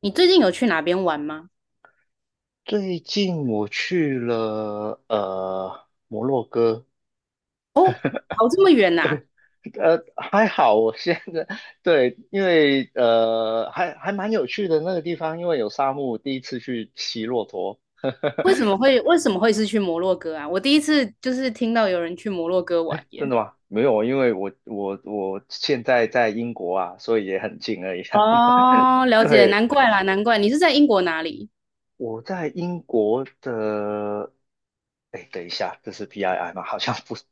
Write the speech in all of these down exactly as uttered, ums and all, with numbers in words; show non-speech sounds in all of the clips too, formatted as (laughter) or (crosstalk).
你最近有去哪边玩吗？最近我去了呃摩洛哥，哦，跑这么远呐、呃还好，我现在 (laughs) 对。因为呃还还蛮有趣的那个地方，因为有沙漠，第一次去骑骆驼。为什么会为什么会是去摩洛哥啊？我第一次就是听到有人去摩洛哥玩真耶。的吗？没有啊，因为我我我现在在英国啊，所以也很近而已啊。(laughs) 哦，了解，对，难怪啦，难怪你是在英国哪里？我在英国的。哎，等一下，这是 P I I 吗？好像不是。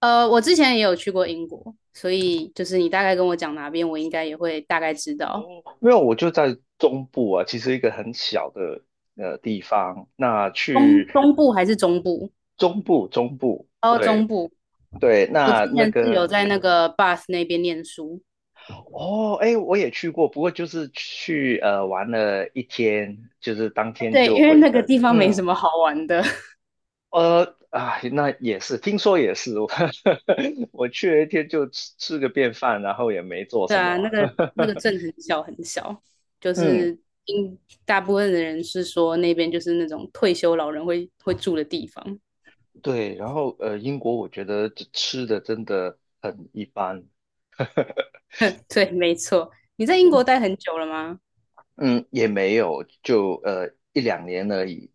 呃，我之前也有去过英国，所以就是你大概跟我讲哪边，我应该也会大概知道。哦，没有，我就在中部啊，其实一个很小的呃地方。那东去东部还是中部？中部，中部，哦，中对部。对。我之那那前是有个在那个 b a t 那边念书。哦，哎，我也去过，不过就是去呃玩了一天，就是当 (laughs) 天对，就因为回那个地程。方没什嗯。么好玩的。呃，啊，那也是，听说也是，(laughs) 我我去了一天就吃吃个便饭，然后也没做对什啊，那么。个 (laughs) 那个镇很小很小，就嗯。是应大部分的人是说那边就是那种退休老人会会住的地方。对，然后呃，英国我觉得吃的真的很一般。(laughs) 对，没错。你在英国待很久了吗？嗯，也没有，就呃一两年而已。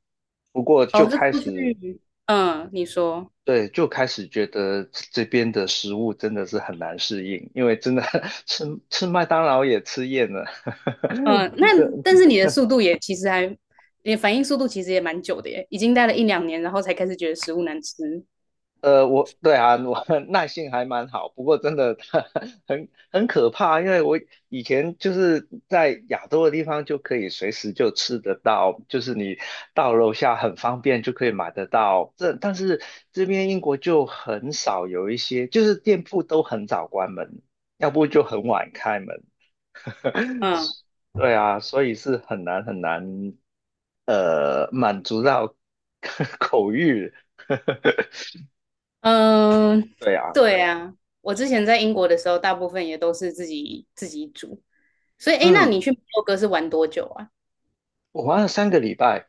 不过就哦，是开过始。去，嗯，你说。对，就开始觉得这边的食物真的是很难适应，因为真的 (laughs) 吃吃麦当劳也吃厌了，嗯，那但 (laughs) 是你的速度也其实还，你的反应速度其实也蛮久的耶，已经待了一两年，然后才开始觉得食物难吃。呃，我对啊，我 (laughs) 耐性还蛮好，不过真的 (laughs) 很很可怕，因为我以前就是在亚洲的地方就可以随时就吃得到，就是你到楼下很方便就可以买得到。这但是这边英国就很少有一些，就是店铺都很早关门，要不就很晚开门。(laughs) 嗯。对啊，所以是很难很难，呃，满足到 (laughs) 口欲。(laughs) 嗯，对啊。对啊，我之前在英国的时候，大部分也都是自己自己煮。所以，哎，那嗯。你去摩洛哥是玩多久啊？我玩了三个礼拜，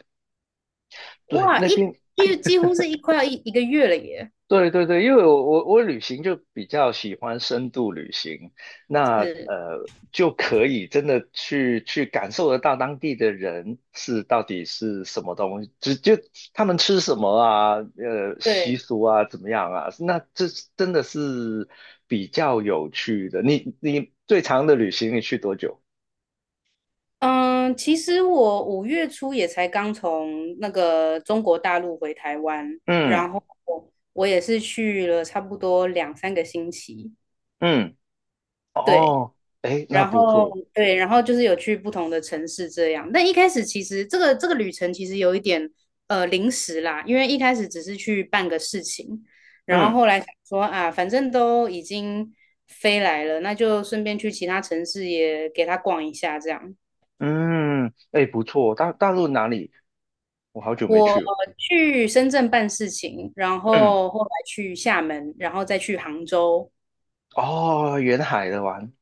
对，哇，那一边。一几乎是一快要一一个月了耶。对对对，因为我我我旅行就比较喜欢深度旅行，那是，呃就可以真的去去感受得到当地的人是到底是什么东西，只就他们吃什么啊，呃习对，俗啊怎么样啊，那这真的是比较有趣的。你你最长的旅行你去多久？嗯，其实我五月初也才刚从那个中国大陆回台湾，嗯然后我也是去了差不多两三个星期。嗯，对，哦，哎，那然不后错，对，然后就是有去不同的城市这样。但一开始其实这个这个旅程其实有一点呃临时啦，因为一开始只是去办个事情，然嗯。后后来想说啊，反正都已经飞来了，那就顺便去其他城市也给他逛一下这样。嗯，哎，不错，大大陆哪里？我好久没去我了。去深圳办事情，然嗯。后后来去厦门，然后再去杭州。哦，沿海的玩，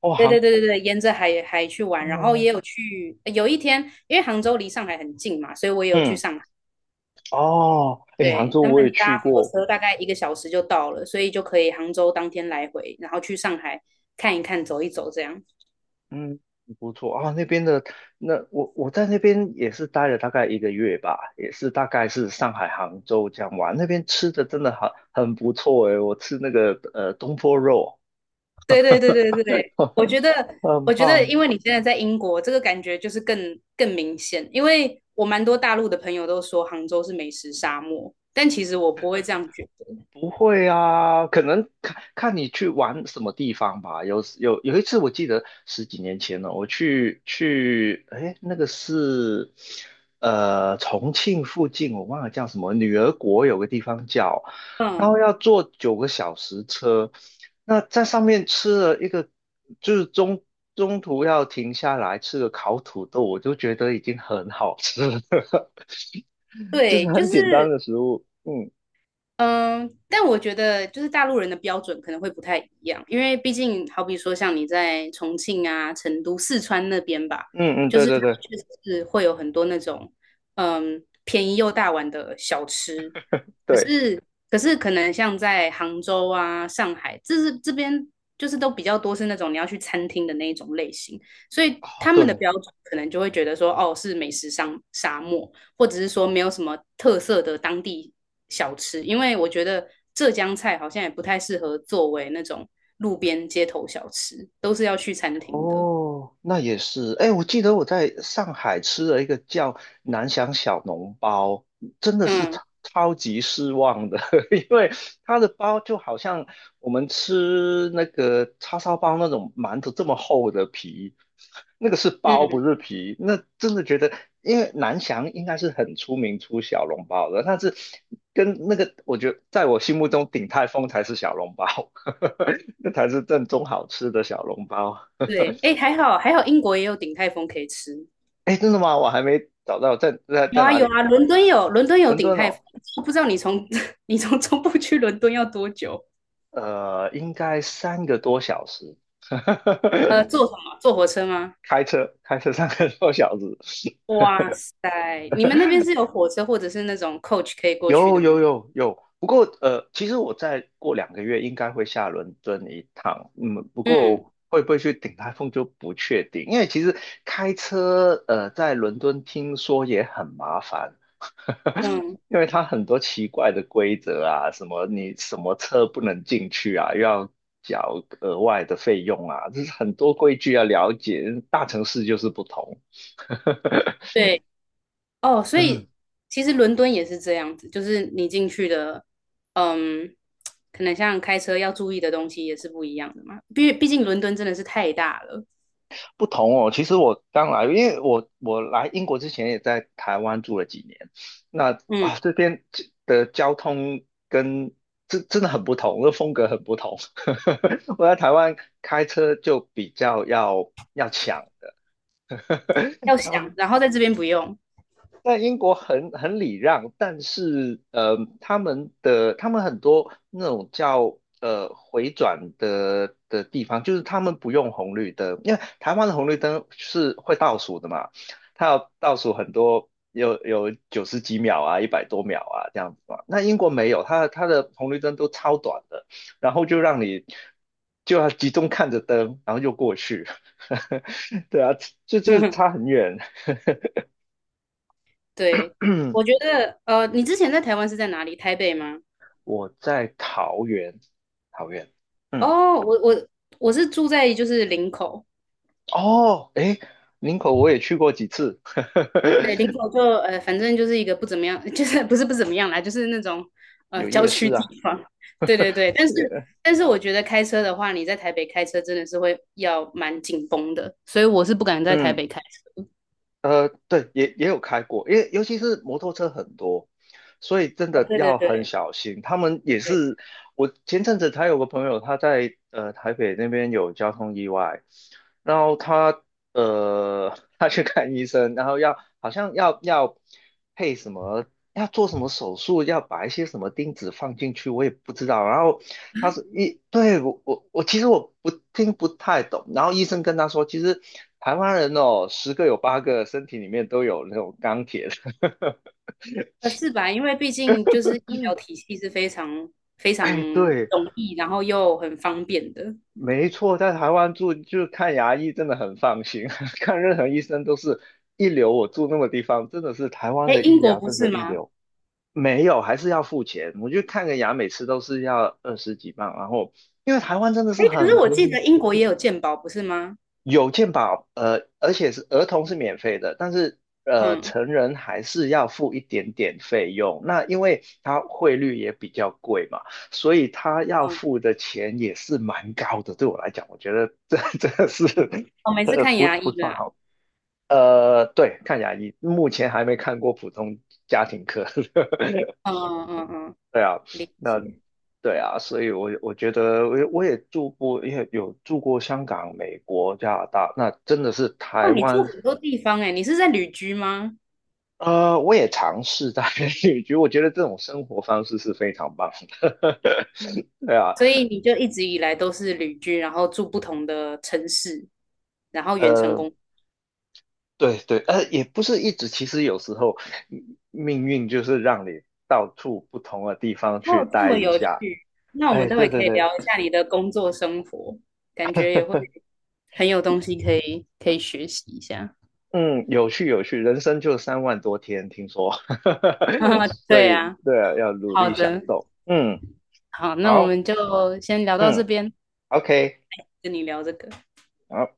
哦，对对杭，对对对，沿着海海去玩，然后哦。也有去，有一天，因为杭州离上海很近嘛，所以我也有去嗯。上海。哦，哎，杭对，州他我也们去搭火过。车大概一个小时就到了，所以就可以杭州当天来回，然后去上海看一看、走一走这样。嗯。不错啊，那边的，那我我在那边也是待了大概一个月吧，也是大概是上海、杭州这样玩，那边吃的真的很很不错诶，我吃那个呃东坡肉，对对对对对，我觉 (laughs) 得很我觉得，棒。因为你现在在英国，这个感觉就是更更明显。因为我蛮多大陆的朋友都说杭州是美食沙漠，但其实我不会这样觉得。不会啊，可能看看你去玩什么地方吧。有有有一次，我记得十几年前了，我去去，哎，那个是呃重庆附近，我忘了叫什么，女儿国有个地方叫，然后嗯，要坐九个小时车，那在上面吃了一个，就是中中途要停下来吃个烤土豆，我就觉得已经很好吃了，(laughs) 就是对，就很简单是的食物。嗯嗯，但我觉得就是大陆人的标准可能会不太一样，因为毕竟好比说像你在重庆啊、成都、四川那边吧，嗯嗯，就对是他对们对确实是会有很多那种嗯便宜又大碗的小吃，可对。是可是可能像在杭州啊、上海，这是这边就是都比较多是那种你要去餐厅的那一种类型，所以哦，他们的对，标准可能就会觉得说，哦，是美食沙沙漠，或者是说没有什么特色的当地小吃，因为我觉得浙江菜好像也不太适合作为那种路边街头小吃，都是要去餐厅的。哦，那也是。哎，我记得我在上海吃了一个叫南翔小笼包，真的是嗯超超级失望的，(laughs) 因为它的包就好像我们吃那个叉烧包那种馒头这么厚的皮，那个是包不嗯，是皮。那真的觉得，因为南翔应该是很出名出小笼包的。但是跟那个，我觉得在我心目中鼎泰丰才是小笼包，(laughs) 那才是正宗好吃的小笼包。对，哎，还好还好，英国也有鼎泰丰可以吃。哎，真的吗？我还没找到，在在有在啊哪有里？啊，伦敦有伦敦有伦鼎敦泰丰。哦。我不知道你从 (laughs) 你从中部去伦敦要多久？呃，应该三个多小时，呃，(laughs) 坐什么？坐火车吗？开车开车三个多小时。哇塞，你们那边是有火车或者是那种 coach 可以过去有的有吗？有有，不过呃，其实我再过两个月应该会下伦敦一趟。嗯，不嗯过会不会去顶台风就不确定，因为其实开车呃在伦敦听说也很麻烦，嗯，因为它很多奇怪的规则啊，什么你什么车不能进去啊，又要缴额外的费用啊，这是很多规矩要了解。大城市就是不同。对哦，(laughs) 所嗯，以其实伦敦也是这样子，就是你进去的，嗯，可能像开车要注意的东西也是不一样的嘛。毕毕竟伦敦真的是太大了，不同哦。其实我刚来，因为我我来英国之前也在台湾住了几年。那嗯，啊这边的交通跟真真的很不同，这风格很不同。(laughs) 我在台湾开车就比较要要抢。的。要 (laughs) 然后。想，然后在这边不用。在英国很很礼让。但是呃，他们的他们很多那种叫呃回转的的地方，就是他们不用红绿灯，因为台湾的红绿灯是会倒数的嘛，它要倒数很多，有有九十几秒啊，一百多秒啊这样子嘛。那英国没有，它它的红绿灯都超短的，然后就让你就要集中看着灯，然后就过去。(laughs) 对啊，就就是差 (laughs) 很远。对，我觉 (clears throat) 得呃，你之前在台湾是在哪里？台北吗？我在桃园。桃园。嗯。哦，我我我是住在就是林口。哦，诶，林口我也去过几次。对，林 (laughs) 口就呃，反正就是一个不怎么样，(laughs) 就是不是不怎么样啦，就是那种呃有郊夜区市啊。地方。对对对，但是但是我觉得开车的话，你在台北开车真的是会要蛮紧绷的，所以我是不敢在台嗯。北开车。呃，对，也也有开过，因为尤其是摩托车很多，所以真啊，的对对要很对小心。他们也对，是。我前阵子才有个朋友，他在呃台北那边有交通意外，然后他呃 (laughs) 他去看医生，然后要好像要要配什么，要做什么手术，要把一些什么钉子放进去，我也不知道。然后他是医。对，我我我其实我不听不太懂。然后医生跟他说，其实台湾人哦，十个有八个身体里面都有那种钢铁的。呃，是吧？因为毕竟就是 (laughs) 医疗嗯。体系是非常非常哎，对，容易，然后又很方便的。没错，在台湾住就是看牙医真的很放心，(laughs) 看任何医生都是一流。我住那个地方，真的是台湾哎，的英医国疗不真是的一吗？流。没有，还是要付钱。我去看个牙，每次都是要二十几磅，然后因为台湾真的哎，是可是很我便记宜。得英国也有健保，不是吗？有健保，呃，而且是儿童是免费的，但是呃，嗯成人还是要付一点点费用。那因为它汇率也比较贵嘛，所以他要嗯，付的钱也是蛮高的。对我来讲，我觉得这 (laughs) 这个是我每次呃看不牙医不算啦。好。呃，对，看牙医，目前还没看过普通家庭科。(laughs) 嗯嗯嗯嗯，对啊。理那解。对啊，所以我我觉得我也我也住过，也有住过香港、美国、加拿大，那真的是台哇，你住湾。很多地方哎，你是在旅居吗？呃，我也尝试在 (laughs) 旅居，(laughs) 我觉得这种生活方式是非常棒的。(laughs) 对啊。所以你就一直以来都是旅居，然后住不同的城市，然后远程呃，工作。对对。呃，也不是一直，其实有时候命运就是让你到处不同的地方去哦，这待么一有趣。下。那我们哎，待对会可对以对。聊一下你的工作生活，感觉也会很有东西可以可以学习一下。嗯，有趣有趣，人生就三万多天，听说。(laughs) 啊 (laughs) 所对以啊，对啊，要努好力享的，受。嗯。好，那我好。们就先聊到这嗯边，，OK。跟你聊这个。好。